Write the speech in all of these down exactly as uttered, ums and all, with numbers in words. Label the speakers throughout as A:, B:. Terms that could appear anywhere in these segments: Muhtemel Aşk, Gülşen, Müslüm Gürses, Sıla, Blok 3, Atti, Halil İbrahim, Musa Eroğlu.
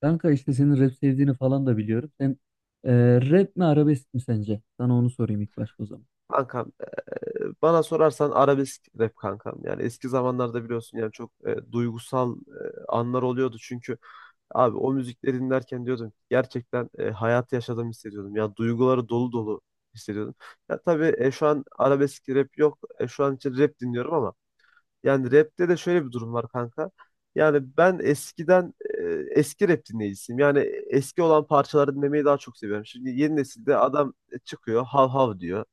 A: Kanka işte senin rap sevdiğini falan da biliyorum. Sen e, rap mi arabesk mi sence? Sana onu sorayım ilk başta o zaman.
B: Kankam, e, bana sorarsan arabesk rap kankam. Yani eski zamanlarda biliyorsun, yani çok e, duygusal e, anlar oluyordu. Çünkü abi o müzikleri dinlerken diyordum ki, gerçekten e, hayatı yaşadığımı hissediyordum. Ya duyguları dolu dolu hissediyordum. Ya tabii, e, şu an arabesk rap yok. E, şu an için rap dinliyorum ama yani rapte de şöyle bir durum var, kanka. Yani ben eskiden e, eski rap dinleyicisiyim. Yani eski olan parçaları dinlemeyi daha çok seviyorum. Şimdi yeni nesilde adam e, çıkıyor, hav hav diyor.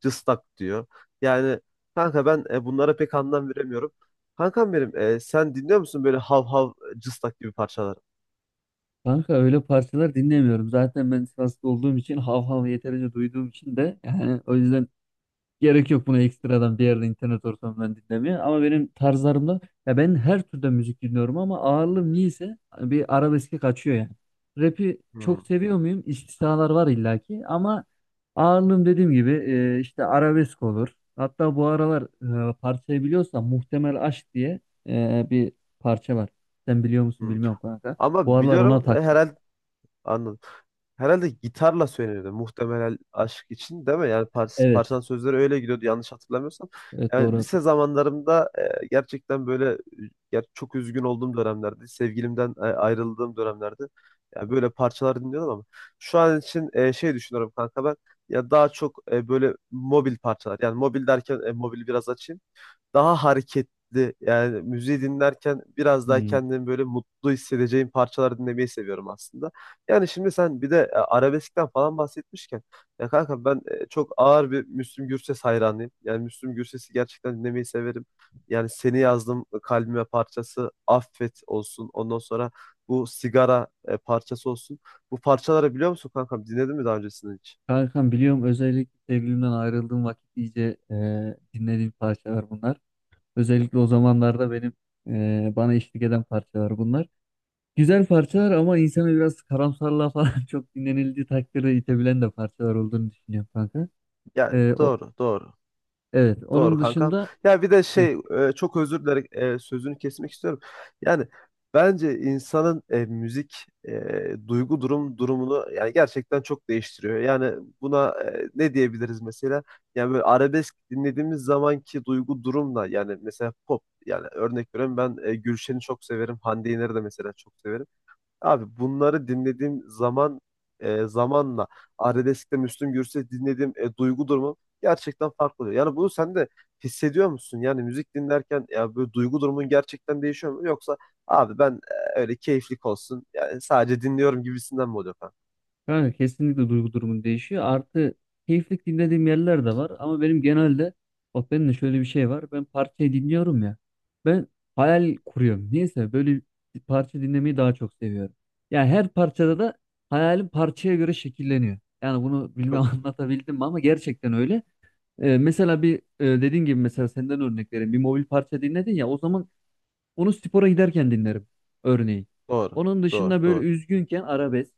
B: Cıstak diyor. Yani kanka, ben e, bunlara pek anlam veremiyorum. Kankam benim, e, sen dinliyor musun böyle hav hav, cıstak gibi parçaları?
A: Kanka öyle parçalar dinlemiyorum. Zaten ben Sivaslı olduğum için hav hav yeterince duyduğum için de, yani o yüzden gerek yok buna ekstradan bir yerde internet ortamından dinlemeye. Ama benim tarzlarımda, ya ben her türden müzik dinliyorum ama ağırlığım niyeyse bir arabeske kaçıyor yani. Rap'i
B: Hmm,
A: çok seviyor muyum? İstisnalar var illaki ama ağırlığım, dediğim gibi, e, işte arabesk olur. Hatta bu aralar e, parçayı biliyorsan, Muhtemel Aşk diye e, bir parça var. Sen biliyor musun
B: hmm.
A: bilmiyorum kanka. Bu
B: Ama
A: aralar ona
B: biliyorum, e,
A: taktım.
B: herhalde anladım. Herhalde gitarla söyleniyordu, muhtemelen aşk için, değil mi? Yani par
A: Evet.
B: parçanın sözleri öyle gidiyordu yanlış hatırlamıyorsam.
A: Evet, doğru
B: Yani lise
A: hatırlıyorum.
B: zamanlarımda e, gerçekten böyle, e, ger çok üzgün olduğum dönemlerde, sevgilimden e, ayrıldığım dönemlerde yani böyle parçalar dinliyordum, ama şu an için e, şey düşünüyorum kanka, ben ya daha çok e, böyle mobil parçalar. Yani mobil derken e, mobil biraz açayım, daha hareketli yani, müziği dinlerken biraz daha
A: Hmm.
B: kendimi böyle mutlu hissedeceğim parçalar dinlemeyi seviyorum aslında. Yani şimdi sen bir de e, arabeskten falan bahsetmişken, ya kanka ben e, çok ağır bir Müslüm Gürses hayranıyım. Yani Müslüm Gürses'i gerçekten dinlemeyi severim. Yani seni yazdım e, kalbime parçası Affet olsun. Ondan sonra bu sigara e, parçası olsun. Bu parçaları biliyor musun kankam? Dinledin mi daha öncesinde hiç?
A: Kankam biliyorum, özellikle sevgilimden ayrıldığım vakit iyice e, dinlediğim parçalar bunlar. Özellikle o zamanlarda benim e, bana eşlik eden parçalar bunlar. Güzel parçalar ama insanı biraz karamsarlığa falan çok dinlenildiği takdirde itebilen de parçalar olduğunu düşünüyorum kanka.
B: Yani
A: E, o,
B: doğru, doğru.
A: evet,
B: Doğru
A: onun
B: kankam.
A: dışında...
B: Ya bir de
A: Hı.
B: şey, e, çok özür dilerim, e, sözünü kesmek istiyorum. Yani bence insanın e, müzik e, duygu durum durumunu yani gerçekten çok değiştiriyor. Yani buna e, ne diyebiliriz mesela? Yani böyle arabesk dinlediğimiz zamanki duygu durumla yani, mesela pop, yani örnek veriyorum, ben e, Gülşen'i çok severim. Hande Yener'i de mesela çok severim. Abi bunları dinlediğim zaman e, zamanla Arabesk'te Müslüm Gürses dinlediğim e, duygu durumum gerçekten farklı oluyor. Yani bunu sen de hissediyor musun? Yani müzik dinlerken ya böyle duygu durumun gerçekten değişiyor mu? Yoksa abi ben e, öyle keyiflik olsun yani, sadece dinliyorum gibisinden mi oluyor falan?
A: Yani kesinlikle duygu durumun değişiyor. Artı, keyiflik dinlediğim yerler de var. Ama benim genelde, bak, benim de şöyle bir şey var. Ben parçayı dinliyorum ya. Ben hayal kuruyorum. Neyse, böyle bir parça dinlemeyi daha çok seviyorum. Yani her parçada da hayalim parçaya göre şekilleniyor. Yani bunu bilmem
B: Çok güzel.
A: anlatabildim mi, ama gerçekten öyle. Ee, mesela bir, e, dediğin gibi, mesela senden örnek vereyim. Bir mobil parça dinledin ya, o zaman onu spora giderken dinlerim örneğin.
B: Doğru,
A: Onun
B: doğru,
A: dışında böyle
B: doğru.
A: üzgünken arabesk.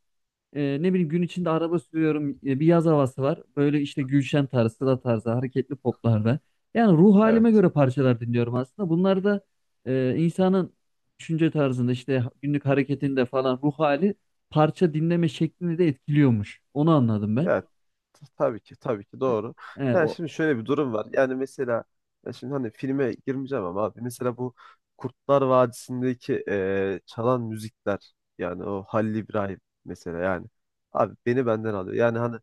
A: E, ne bileyim, gün içinde araba sürüyorum. E, bir yaz havası var. Böyle işte Gülşen tarzı, Sıla tarzı, hareketli poplarda. Yani ruh halime
B: Evet.
A: göre parçalar dinliyorum aslında. Bunlar da e, insanın düşünce tarzında, işte günlük hareketinde falan, ruh hali parça dinleme şeklini de etkiliyormuş. Onu anladım ben.
B: Ya tabii ki, tabii ki doğru.
A: E e, o
B: Yani şimdi şöyle bir durum var. Yani mesela ya şimdi, hani filme girmeyeceğim ama abi mesela bu Kurtlar Vadisi'ndeki eee, çalan müzikler, yani o Halil İbrahim mesela, yani abi beni benden alıyor. Yani hani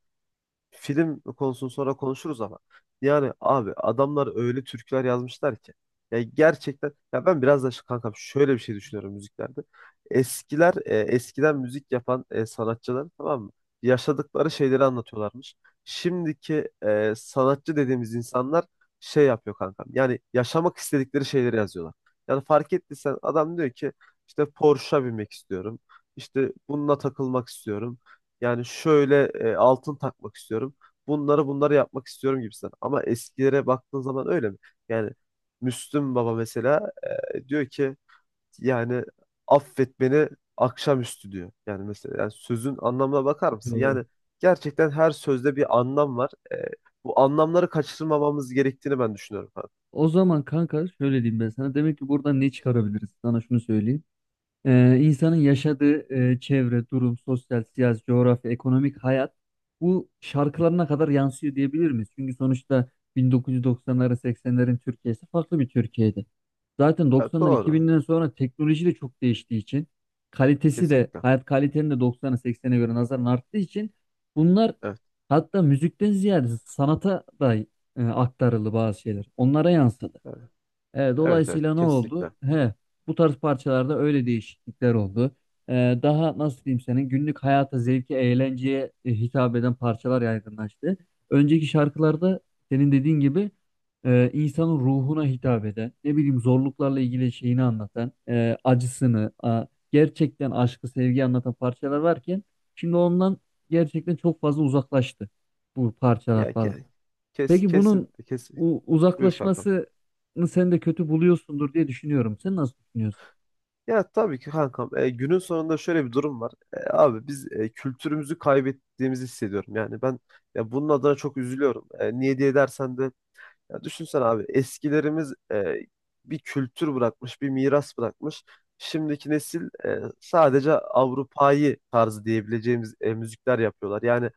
B: film konusunu sonra konuşuruz ama yani abi adamlar öyle türküler yazmışlar ki, ya gerçekten, ya ben biraz da şu- kankam şöyle bir şey düşünüyorum müziklerde. Eskiler, e, eskiden müzik yapan e, sanatçılar, tamam mı? Yaşadıkları şeyleri anlatıyorlarmış. Şimdiki e, sanatçı dediğimiz insanlar şey yapıyor kankam. Yani yaşamak istedikleri şeyleri yazıyorlar. Yani fark ettiysen adam diyor ki, işte Porsche'a binmek istiyorum. İşte bununla takılmak istiyorum. Yani şöyle, e, altın takmak istiyorum. Bunları bunları yapmak istiyorum gibisinden. Ama eskilere baktığın zaman öyle mi? Yani Müslüm Baba mesela e, diyor ki, yani affet beni akşamüstü diyor. Yani mesela yani sözün anlamına bakar mısın?
A: doğru.
B: Yani gerçekten her sözde bir anlam var. E, bu anlamları kaçırmamamız gerektiğini ben düşünüyorum. Ha,
A: O zaman kanka şöyle diyeyim ben sana. Demek ki buradan ne çıkarabiliriz? Sana şunu söyleyeyim. Ee, insanın yaşadığı e, çevre, durum, sosyal, siyasi, coğrafya, ekonomik hayat, bu şarkılarına kadar yansıyor diyebilir miyiz? Çünkü sonuçta bin dokuz yüz doksanların, seksenlerin Türkiye'si farklı bir Türkiye'ydi. Zaten
B: ha,
A: doksandan,
B: doğru.
A: iki binden sonra teknoloji de çok değiştiği için, kalitesi de,
B: Kesinlikle.
A: hayat kalitenin de doksana, seksene göre nazaran arttığı için bunlar,
B: Evet,
A: hatta müzikten ziyade sanata da e, aktarıldı bazı şeyler. Onlara yansıdı.
B: evet,
A: E,
B: evet, evet,
A: dolayısıyla ne
B: kesinlikle.
A: oldu? He, bu tarz parçalarda öyle değişiklikler oldu. E, daha nasıl diyeyim, senin günlük hayata, zevke, eğlenceye e, hitap eden parçalar yaygınlaştı. Önceki şarkılarda, senin dediğin gibi, e, insanın ruhuna hitap eden, ne bileyim zorluklarla ilgili şeyini anlatan, e, acısını, a- gerçekten aşkı, sevgi anlatan parçalar varken, şimdi ondan gerçekten çok fazla uzaklaştı bu parçalar
B: Ya
A: falan.
B: ke- kes
A: Peki
B: kesin
A: bunun
B: kes
A: u-
B: buyur kankam.
A: uzaklaşmasını sen de kötü buluyorsundur diye düşünüyorum. Sen nasıl düşünüyorsun?
B: Ya tabii ki kankam, e, günün sonunda şöyle bir durum var. E, abi biz e, kültürümüzü kaybettiğimizi hissediyorum. Yani ben ya bunun adına çok üzülüyorum. E, niye diye dersen de ya düşünsene abi, eskilerimiz e, bir kültür bırakmış, bir miras bırakmış. Şimdiki nesil e, sadece Avrupa'yı tarzı diyebileceğimiz e, müzikler yapıyorlar. Yani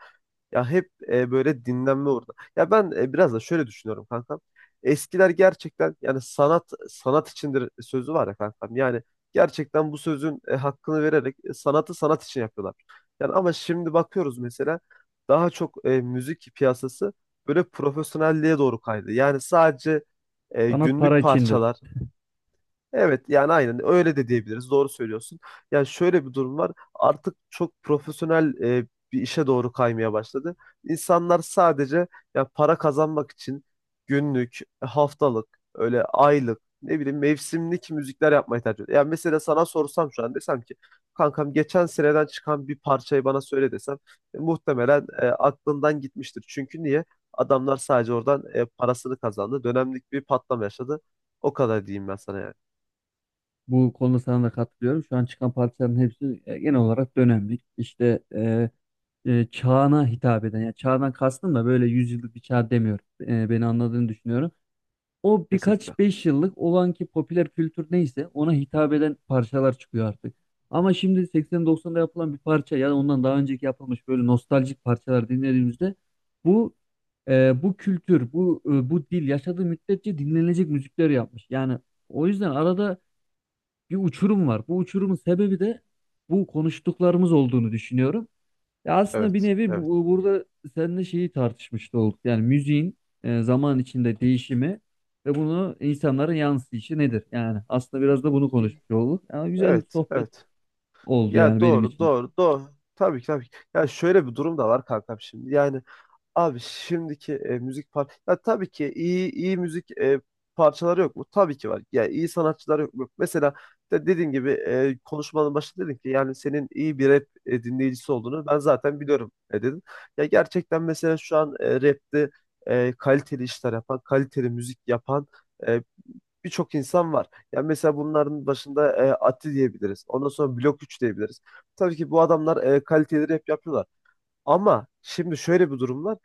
B: ya hep e, böyle dinlenme orada. Ya ben e, biraz da şöyle düşünüyorum kankam. Eskiler gerçekten yani sanat sanat içindir sözü var ya kankam. Yani gerçekten bu sözün e, hakkını vererek e, sanatı sanat için yapıyorlar. Yani ama şimdi bakıyoruz, mesela daha çok e, müzik piyasası böyle profesyonelliğe doğru kaydı. Yani sadece e,
A: Sanat para
B: günlük
A: içindir.
B: parçalar. Evet yani aynen öyle de diyebiliriz. Doğru söylüyorsun. Yani şöyle bir durum var. Artık çok profesyonel e, bir işe doğru kaymaya başladı. İnsanlar sadece ya para kazanmak için günlük, e, haftalık, öyle aylık, ne bileyim mevsimlik müzikler yapmayı tercih ediyor. Yani mesela sana sorsam şu an, desem ki kankam geçen seneden çıkan bir parçayı bana söyle desem, e, muhtemelen e, aklından gitmiştir. Çünkü niye? Adamlar sadece oradan e, parasını kazandı. Dönemlik bir patlama yaşadı. O kadar diyeyim ben sana yani.
A: Bu konuda sana da katılıyorum. Şu an çıkan parçaların hepsi e, genel olarak dönemlik. İşte e, e, çağına hitap eden. Yani çağdan kastım da böyle yüzyıllık bir çağ demiyorum. E, beni anladığını düşünüyorum. O
B: Kesinlikle.
A: birkaç beş yıllık olan ki, popüler kültür neyse ona hitap eden parçalar çıkıyor artık. Ama şimdi seksen doksanda yapılan bir parça ya da ondan daha önceki yapılmış böyle nostaljik parçalar dinlediğimizde, bu e, bu kültür, bu e, bu dil yaşadığı müddetçe dinlenecek müzikler yapmış. Yani o yüzden arada bir uçurum var. Bu uçurumun sebebi de bu konuştuklarımız olduğunu düşünüyorum. Ya aslında bir
B: Evet,
A: nevi
B: evet.
A: bu, burada seninle şeyi tartışmış da olduk. Yani müziğin e, zaman içinde değişimi ve bunu insanlara yansıyışı nedir? Yani aslında biraz da bunu konuşmuş olduk. Yani güzel bir
B: Evet,
A: sohbet
B: evet.
A: oldu yani
B: Ya
A: benim
B: doğru,
A: için.
B: doğru, doğru. Tabii ki, tabii ki. Ya şöyle bir durum da var kankam şimdi. Yani abi şimdiki e, müzik par ya tabii ki iyi iyi müzik e, parçaları yok mu? Tabii ki var. Ya iyi sanatçılar yok mu? Mesela de dediğim gibi e, konuşmanın başında dedin ki, yani senin iyi bir rap e, dinleyicisi olduğunu ben zaten biliyorum, e, dedin. Ya gerçekten mesela şu an e, rapte e, kaliteli işler yapan, kaliteli müzik yapan e, birçok insan var. Yani mesela bunların başında e, Atti diyebiliriz. Ondan sonra Blok üç diyebiliriz. Tabii ki bu adamlar e, kaliteli rap yapıyorlar. Ama şimdi şöyle bir durum var.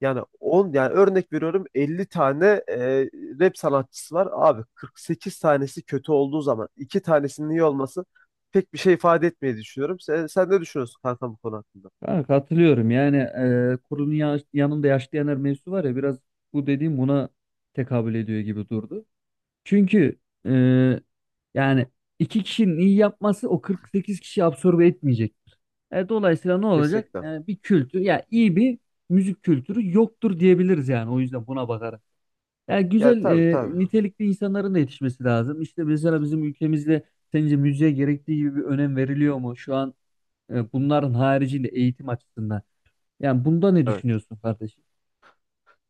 B: Yani on, yani örnek veriyorum, elli tane e, rap sanatçısı var. Abi kırk sekiz tanesi kötü olduğu zaman iki tanesinin iyi olması pek bir şey ifade etmeyi düşünüyorum. Sen, sen ne düşünüyorsun kanka bu konu hakkında?
A: Ha, katılıyorum. Yani e, kurunun ya- yanında yaşlı yanar mevzusu var ya, biraz bu dediğim buna tekabül ediyor gibi durdu. Çünkü e, yani iki kişinin iyi yapması o kırk sekiz kişi absorbe etmeyecek. E, dolayısıyla ne olacak?
B: Kesinlikle.
A: E, bir kültür, ya iyi bir müzik kültürü yoktur diyebiliriz yani. O yüzden buna bakarak. Yani
B: Ya
A: güzel,
B: tabii
A: e,
B: tabii.
A: nitelikli insanların da yetişmesi lazım. İşte mesela bizim ülkemizde sence müziğe gerektiği gibi bir önem veriliyor mu? Şu an
B: Hı
A: e,
B: hı.
A: bunların haricinde eğitim açısından. Yani bunda ne
B: Evet.
A: düşünüyorsun kardeşim?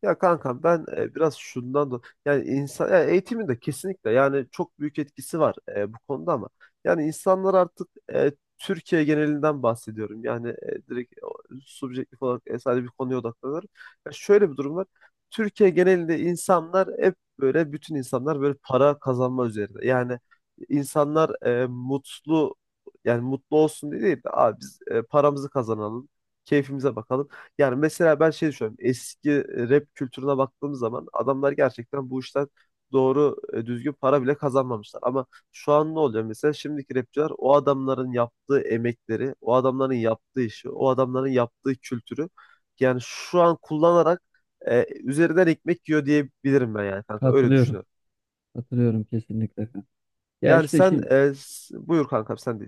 B: Ya kankam ben e, biraz şundan da yani insan, ya eğitimin de kesinlikle yani çok büyük etkisi var e, bu konuda, ama yani insanlar artık e, Türkiye genelinden bahsediyorum. Yani e, direkt o, subjektif olarak e, sadece bir konuya odaklanıyorum. Ya şöyle bir durum var. Türkiye genelinde insanlar hep böyle, bütün insanlar böyle para kazanma üzerine. Yani insanlar e, mutlu, yani mutlu olsun diye değil de abi biz e, paramızı kazanalım, keyfimize bakalım. Yani mesela ben şey düşünüyorum. Eski e, rap kültürüne baktığım zaman adamlar gerçekten bu işten doğru e, düzgün para bile kazanmamışlar. Ama şu an ne oluyor mesela? Şimdiki rapçiler o adamların yaptığı emekleri, o adamların yaptığı işi, o adamların yaptığı kültürü yani şu an kullanarak e, üzerinden ekmek yiyor diyebilirim ben yani kanka. Öyle
A: Katılıyorum.
B: düşünüyorum.
A: Katılıyorum kesinlikle, kanka. Ya
B: Yani
A: işte
B: sen
A: şimdi,
B: e, s- buyur kankam sen.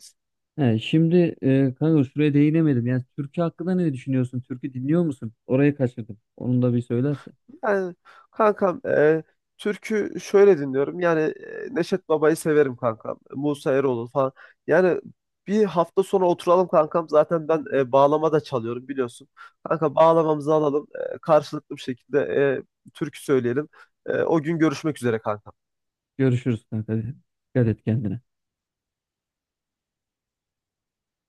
A: he, şimdi e, kanka şuraya değinemedim. Yani türkü hakkında ne düşünüyorsun? Türkü dinliyor musun? Orayı kaçırdım. Onu da bir söylersen.
B: Yani kankam, e, türkü şöyle dinliyorum. Yani e, Neşet Baba'yı severim kankam. Musa Eroğlu falan. Yani bir hafta sonra oturalım kankam. Zaten ben e, bağlama da çalıyorum biliyorsun. Kanka bağlamamızı alalım, e, karşılıklı bir şekilde e, türkü söyleyelim. E, o gün görüşmek üzere kanka.
A: Görüşürüz kanka. Dikkat et kendine.